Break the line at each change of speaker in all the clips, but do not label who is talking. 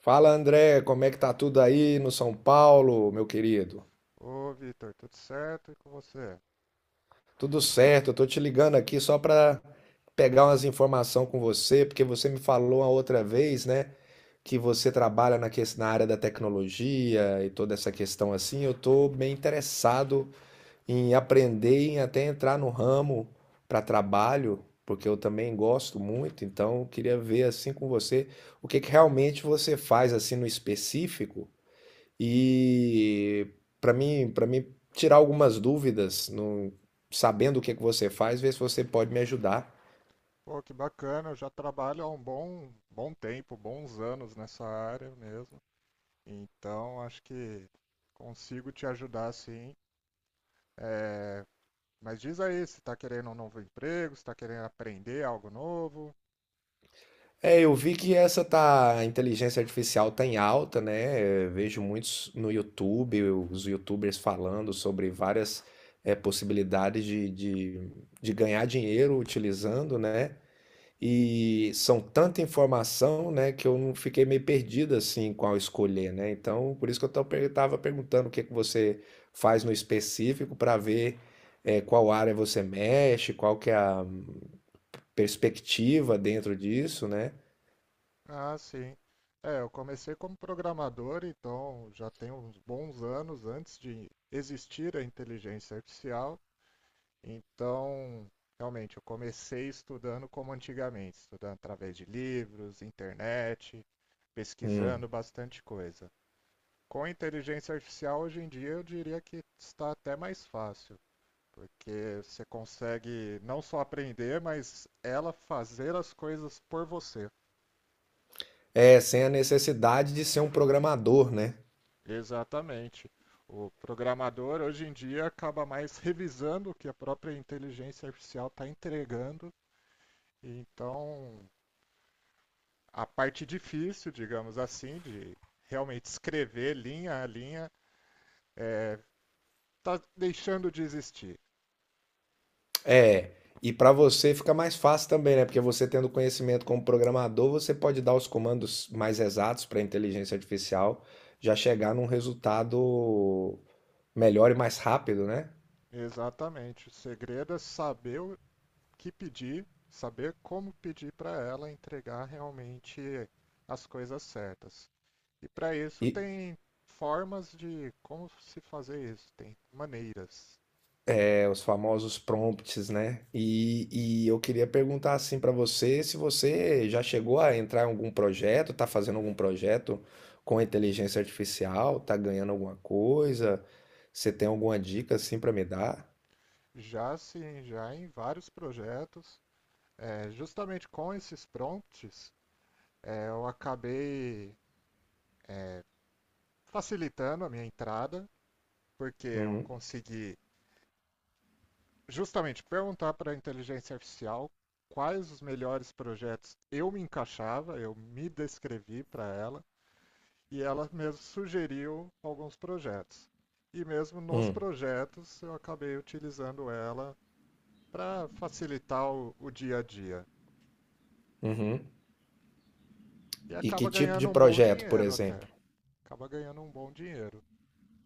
Fala, André, como é que tá tudo aí no São Paulo, meu querido?
Ô, Vitor, tudo certo? E com você?
Tudo certo, eu tô te ligando aqui só para pegar umas informações com você, porque você me falou a outra vez, né, que você trabalha na, na área da tecnologia e toda essa questão assim. Eu tô bem interessado em aprender, em até entrar no ramo para trabalho, porque eu também gosto muito, então eu queria ver assim com você o que que realmente você faz assim no específico. E para mim tirar algumas dúvidas, sabendo o que que você faz, ver se você pode me ajudar.
Pô, que bacana, eu já trabalho há um bom tempo, bons anos nessa área mesmo. Então, acho que consigo te ajudar sim. Mas diz aí, se está querendo um novo emprego, se está querendo aprender algo novo.
É, eu vi que a inteligência artificial tá em alta, né? Eu vejo muitos no YouTube, os YouTubers falando sobre várias possibilidades de ganhar dinheiro utilizando, né? E são tanta informação, né, que eu não fiquei meio perdido assim qual escolher, né? Então, por isso que eu estava perguntando o que que você faz no específico para ver qual área você mexe, qual que é a perspectiva dentro disso, né?
Ah, sim. É, eu comecei como programador, então já tem uns bons anos antes de existir a inteligência artificial. Então, realmente, eu comecei estudando como antigamente, estudando através de livros, internet,
Hum.
pesquisando bastante coisa. Com a inteligência artificial, hoje em dia, eu diria que está até mais fácil, porque você consegue não só aprender, mas ela fazer as coisas por você.
É, sem a necessidade de ser um programador, né?
Exatamente. O programador, hoje em dia, acaba mais revisando o que a própria inteligência artificial está entregando. Então, a parte difícil, digamos assim, de realmente escrever linha a linha, está é, tá deixando de existir.
É, e para você fica mais fácil também, né? Porque você tendo conhecimento como programador, você pode dar os comandos mais exatos para a inteligência artificial já chegar num resultado melhor e mais rápido, né?
Exatamente. O segredo é saber o que pedir, saber como pedir para ela entregar realmente as coisas certas. E para isso
E
tem formas de como se fazer isso, tem maneiras.
é, os famosos prompts, né? E eu queria perguntar assim para você se você já chegou a entrar em algum projeto, tá fazendo algum projeto com inteligência artificial, tá ganhando alguma coisa? Você tem alguma dica assim para me dar?
Já sim, já em vários projetos, é, justamente com esses prompts, é, eu acabei facilitando a minha entrada, porque eu
Hum,
consegui justamente perguntar para a inteligência artificial quais os melhores projetos eu me encaixava, eu me descrevi para ela e ela mesmo sugeriu alguns projetos. E mesmo nos
hum,
projetos eu acabei utilizando ela para facilitar o dia a dia.
uhum.
E
E que
acaba
tipo de
ganhando um bom
projeto, por
dinheiro até.
exemplo?
Acaba ganhando um bom dinheiro.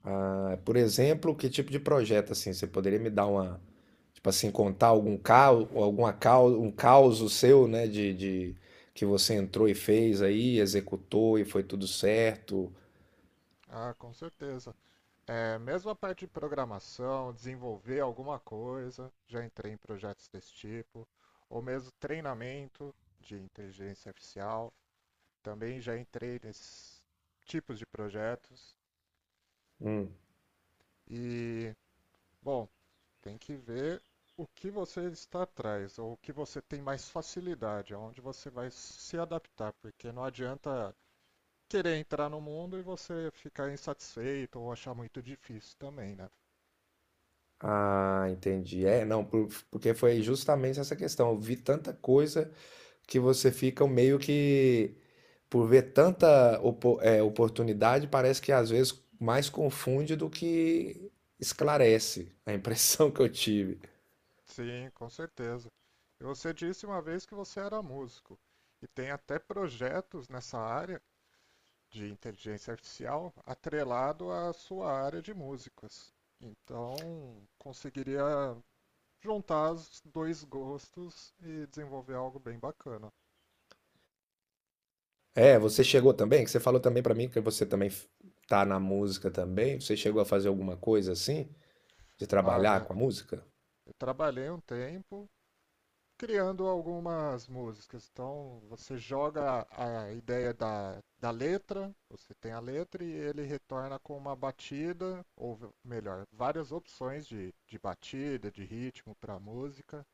Ah, por exemplo, que tipo de projeto assim? Você poderia me dar uma, tipo assim, contar algum caos, alguma caos, um caos seu, né, que você entrou e fez aí, executou e foi tudo certo?
Ah, com certeza. É, mesmo a parte de programação, desenvolver alguma coisa, já entrei em projetos desse tipo, ou mesmo treinamento de inteligência artificial, também já entrei nesses tipos de projetos.
Hum.
E, bom, tem que ver o que você está atrás, ou o que você tem mais facilidade, aonde você vai se adaptar, porque não adianta querer entrar no mundo e você ficar insatisfeito ou achar muito difícil também, né?
Ah, entendi. É, não, porque foi justamente essa questão. Eu vi tanta coisa que você fica meio que, por ver tanta oportunidade, parece que às vezes mais confunde do que esclarece, a impressão que eu tive.
Sim, com certeza. E você disse uma vez que você era músico e tem até projetos nessa área de inteligência artificial atrelado à sua área de músicas. Então, conseguiria juntar os dois gostos e desenvolver algo bem bacana.
É, você chegou também, que você falou também pra mim que você também tá na música também. Você chegou a fazer alguma coisa assim, de trabalhar
Olha,
com a música?
eu trabalhei um tempo criando algumas músicas. Então, você joga a ideia da letra, você tem a letra e ele retorna com uma batida, ou melhor, várias opções de batida, de ritmo para a música.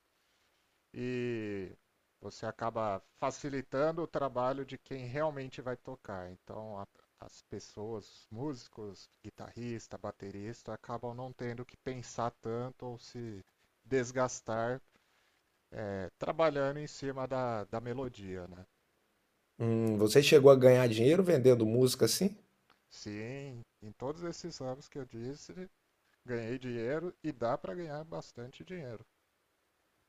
E você acaba facilitando o trabalho de quem realmente vai tocar. Então, as pessoas, músicos, guitarrista, baterista, acabam não tendo que pensar tanto ou se desgastar é, trabalhando em cima da melodia, né?
Você chegou a ganhar dinheiro vendendo música assim?
Sim, em todos esses anos que eu disse, ganhei dinheiro e dá para ganhar bastante dinheiro.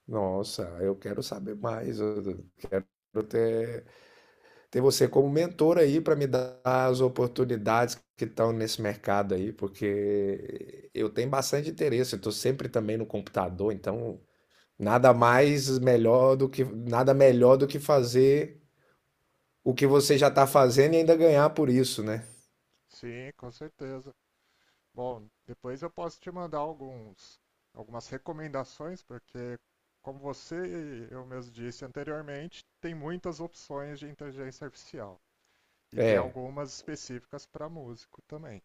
Nossa, eu quero saber mais. Eu até ter você como mentor aí para me dar as oportunidades que estão nesse mercado aí, porque eu tenho bastante interesse, eu estou sempre também no computador, então nada mais melhor do que nada melhor do que fazer o que você já está fazendo e ainda ganhar por isso, né?
Sim, com certeza. Bom, depois eu posso te mandar alguns, algumas recomendações, porque como você e eu mesmo disse anteriormente, tem muitas opções de inteligência artificial e tem
É,
algumas específicas para músico também.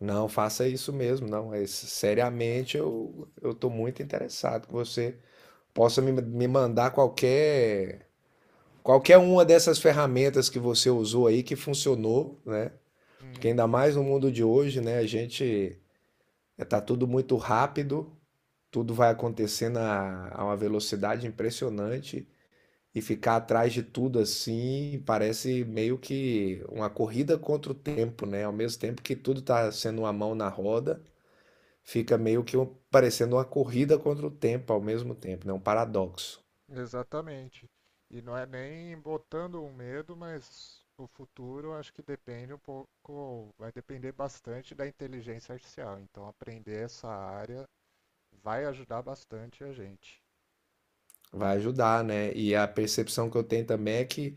não faça isso mesmo, não. É, seriamente, eu estou muito interessado que você possa me mandar qualquer qualquer uma dessas ferramentas que você usou aí que funcionou, né? Porque ainda
Uhum.
mais no mundo de hoje, né? A gente é, tá tudo muito rápido, tudo vai acontecendo a uma velocidade impressionante e ficar atrás de tudo assim parece meio que uma corrida contra o tempo, né? Ao mesmo tempo que tudo tá sendo uma mão na roda, fica meio que parecendo uma corrida contra o tempo ao mesmo tempo, né? Um paradoxo.
Exatamente. E não é nem botando um medo, mas o futuro acho que depende um pouco, vai depender bastante da inteligência artificial. Então aprender essa área vai ajudar bastante a gente.
Vai ajudar, né? E a percepção que eu tenho também é que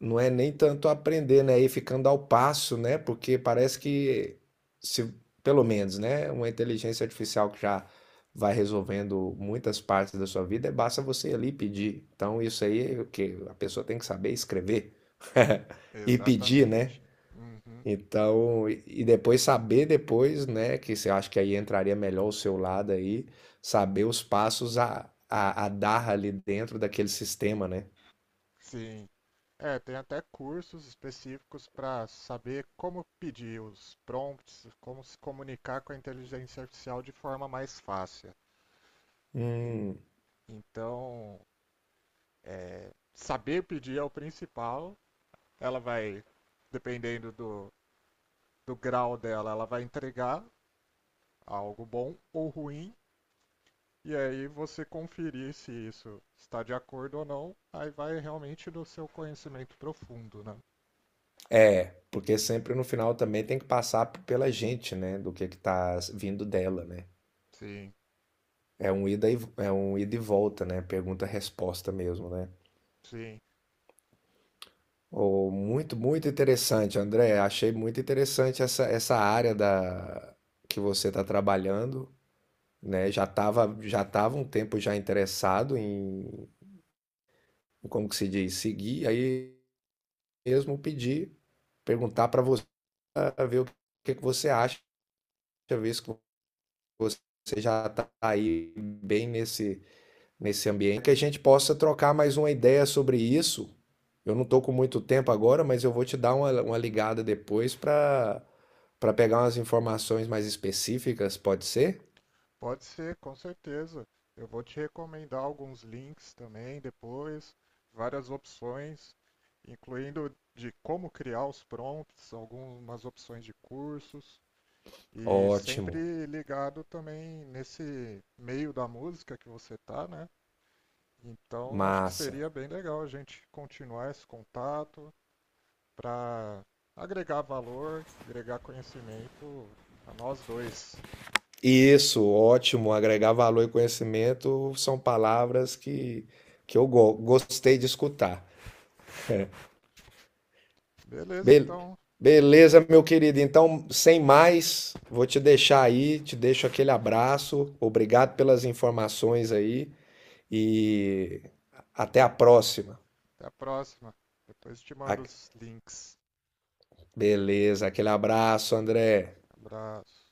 não é nem tanto aprender, né? E ficando ao passo, né? Porque parece que, se, pelo menos, né? Uma inteligência artificial que já vai resolvendo muitas partes da sua vida, é basta você ali pedir. Então, isso aí é o que a pessoa tem que saber escrever e pedir, né?
Exatamente. Uhum.
Então, e depois saber depois, né? Que você acha que aí entraria melhor o seu lado aí, saber os passos a dar ali dentro daquele sistema, né?
Sim. É, tem até cursos específicos para saber como pedir os prompts, como se comunicar com a inteligência artificial de forma mais fácil. E-
Hum.
Então, saber pedir é o principal. Ela vai, dependendo do grau dela, ela vai entregar algo bom ou ruim. E aí você conferir se isso está de acordo ou não, aí vai realmente do seu conhecimento profundo, né?
É, porque sempre no final também tem que passar pela gente, né? Do que vindo dela, né?
Sim,
É um é um ida e volta, né? Pergunta-resposta mesmo, né?
sim.
Oh, muito, muito interessante, André. Achei muito interessante essa, essa área da que você está trabalhando, né? Já tava um tempo já interessado em, como que se diz, seguir, aí mesmo pedir, perguntar para você, ah, ver o que que você acha, ver se você já está aí bem nesse, nesse ambiente, que a gente possa trocar mais uma ideia sobre isso. Eu não estou com muito tempo agora, mas eu vou te dar uma ligada depois para pegar umas informações mais específicas, pode ser?
Pode ser, com certeza. Eu vou te recomendar alguns links também depois, várias opções, incluindo de como criar os prompts, algumas opções de cursos. E
Ótimo,
sempre ligado também nesse meio da música que você tá, né? Então acho que
massa.
seria bem legal a gente continuar esse contato para agregar valor, agregar conhecimento a nós dois.
Isso, ótimo. Agregar valor e conhecimento são palavras que eu gostei de escutar.
Beleza,
Be-
então,
Beleza, meu querido. Então, sem mais, vou te deixar aí, te deixo aquele abraço. Obrigado pelas informações aí e até a próxima.
até a próxima. Depois te mando
A-
os links.
Beleza, aquele abraço, André.
Abraço.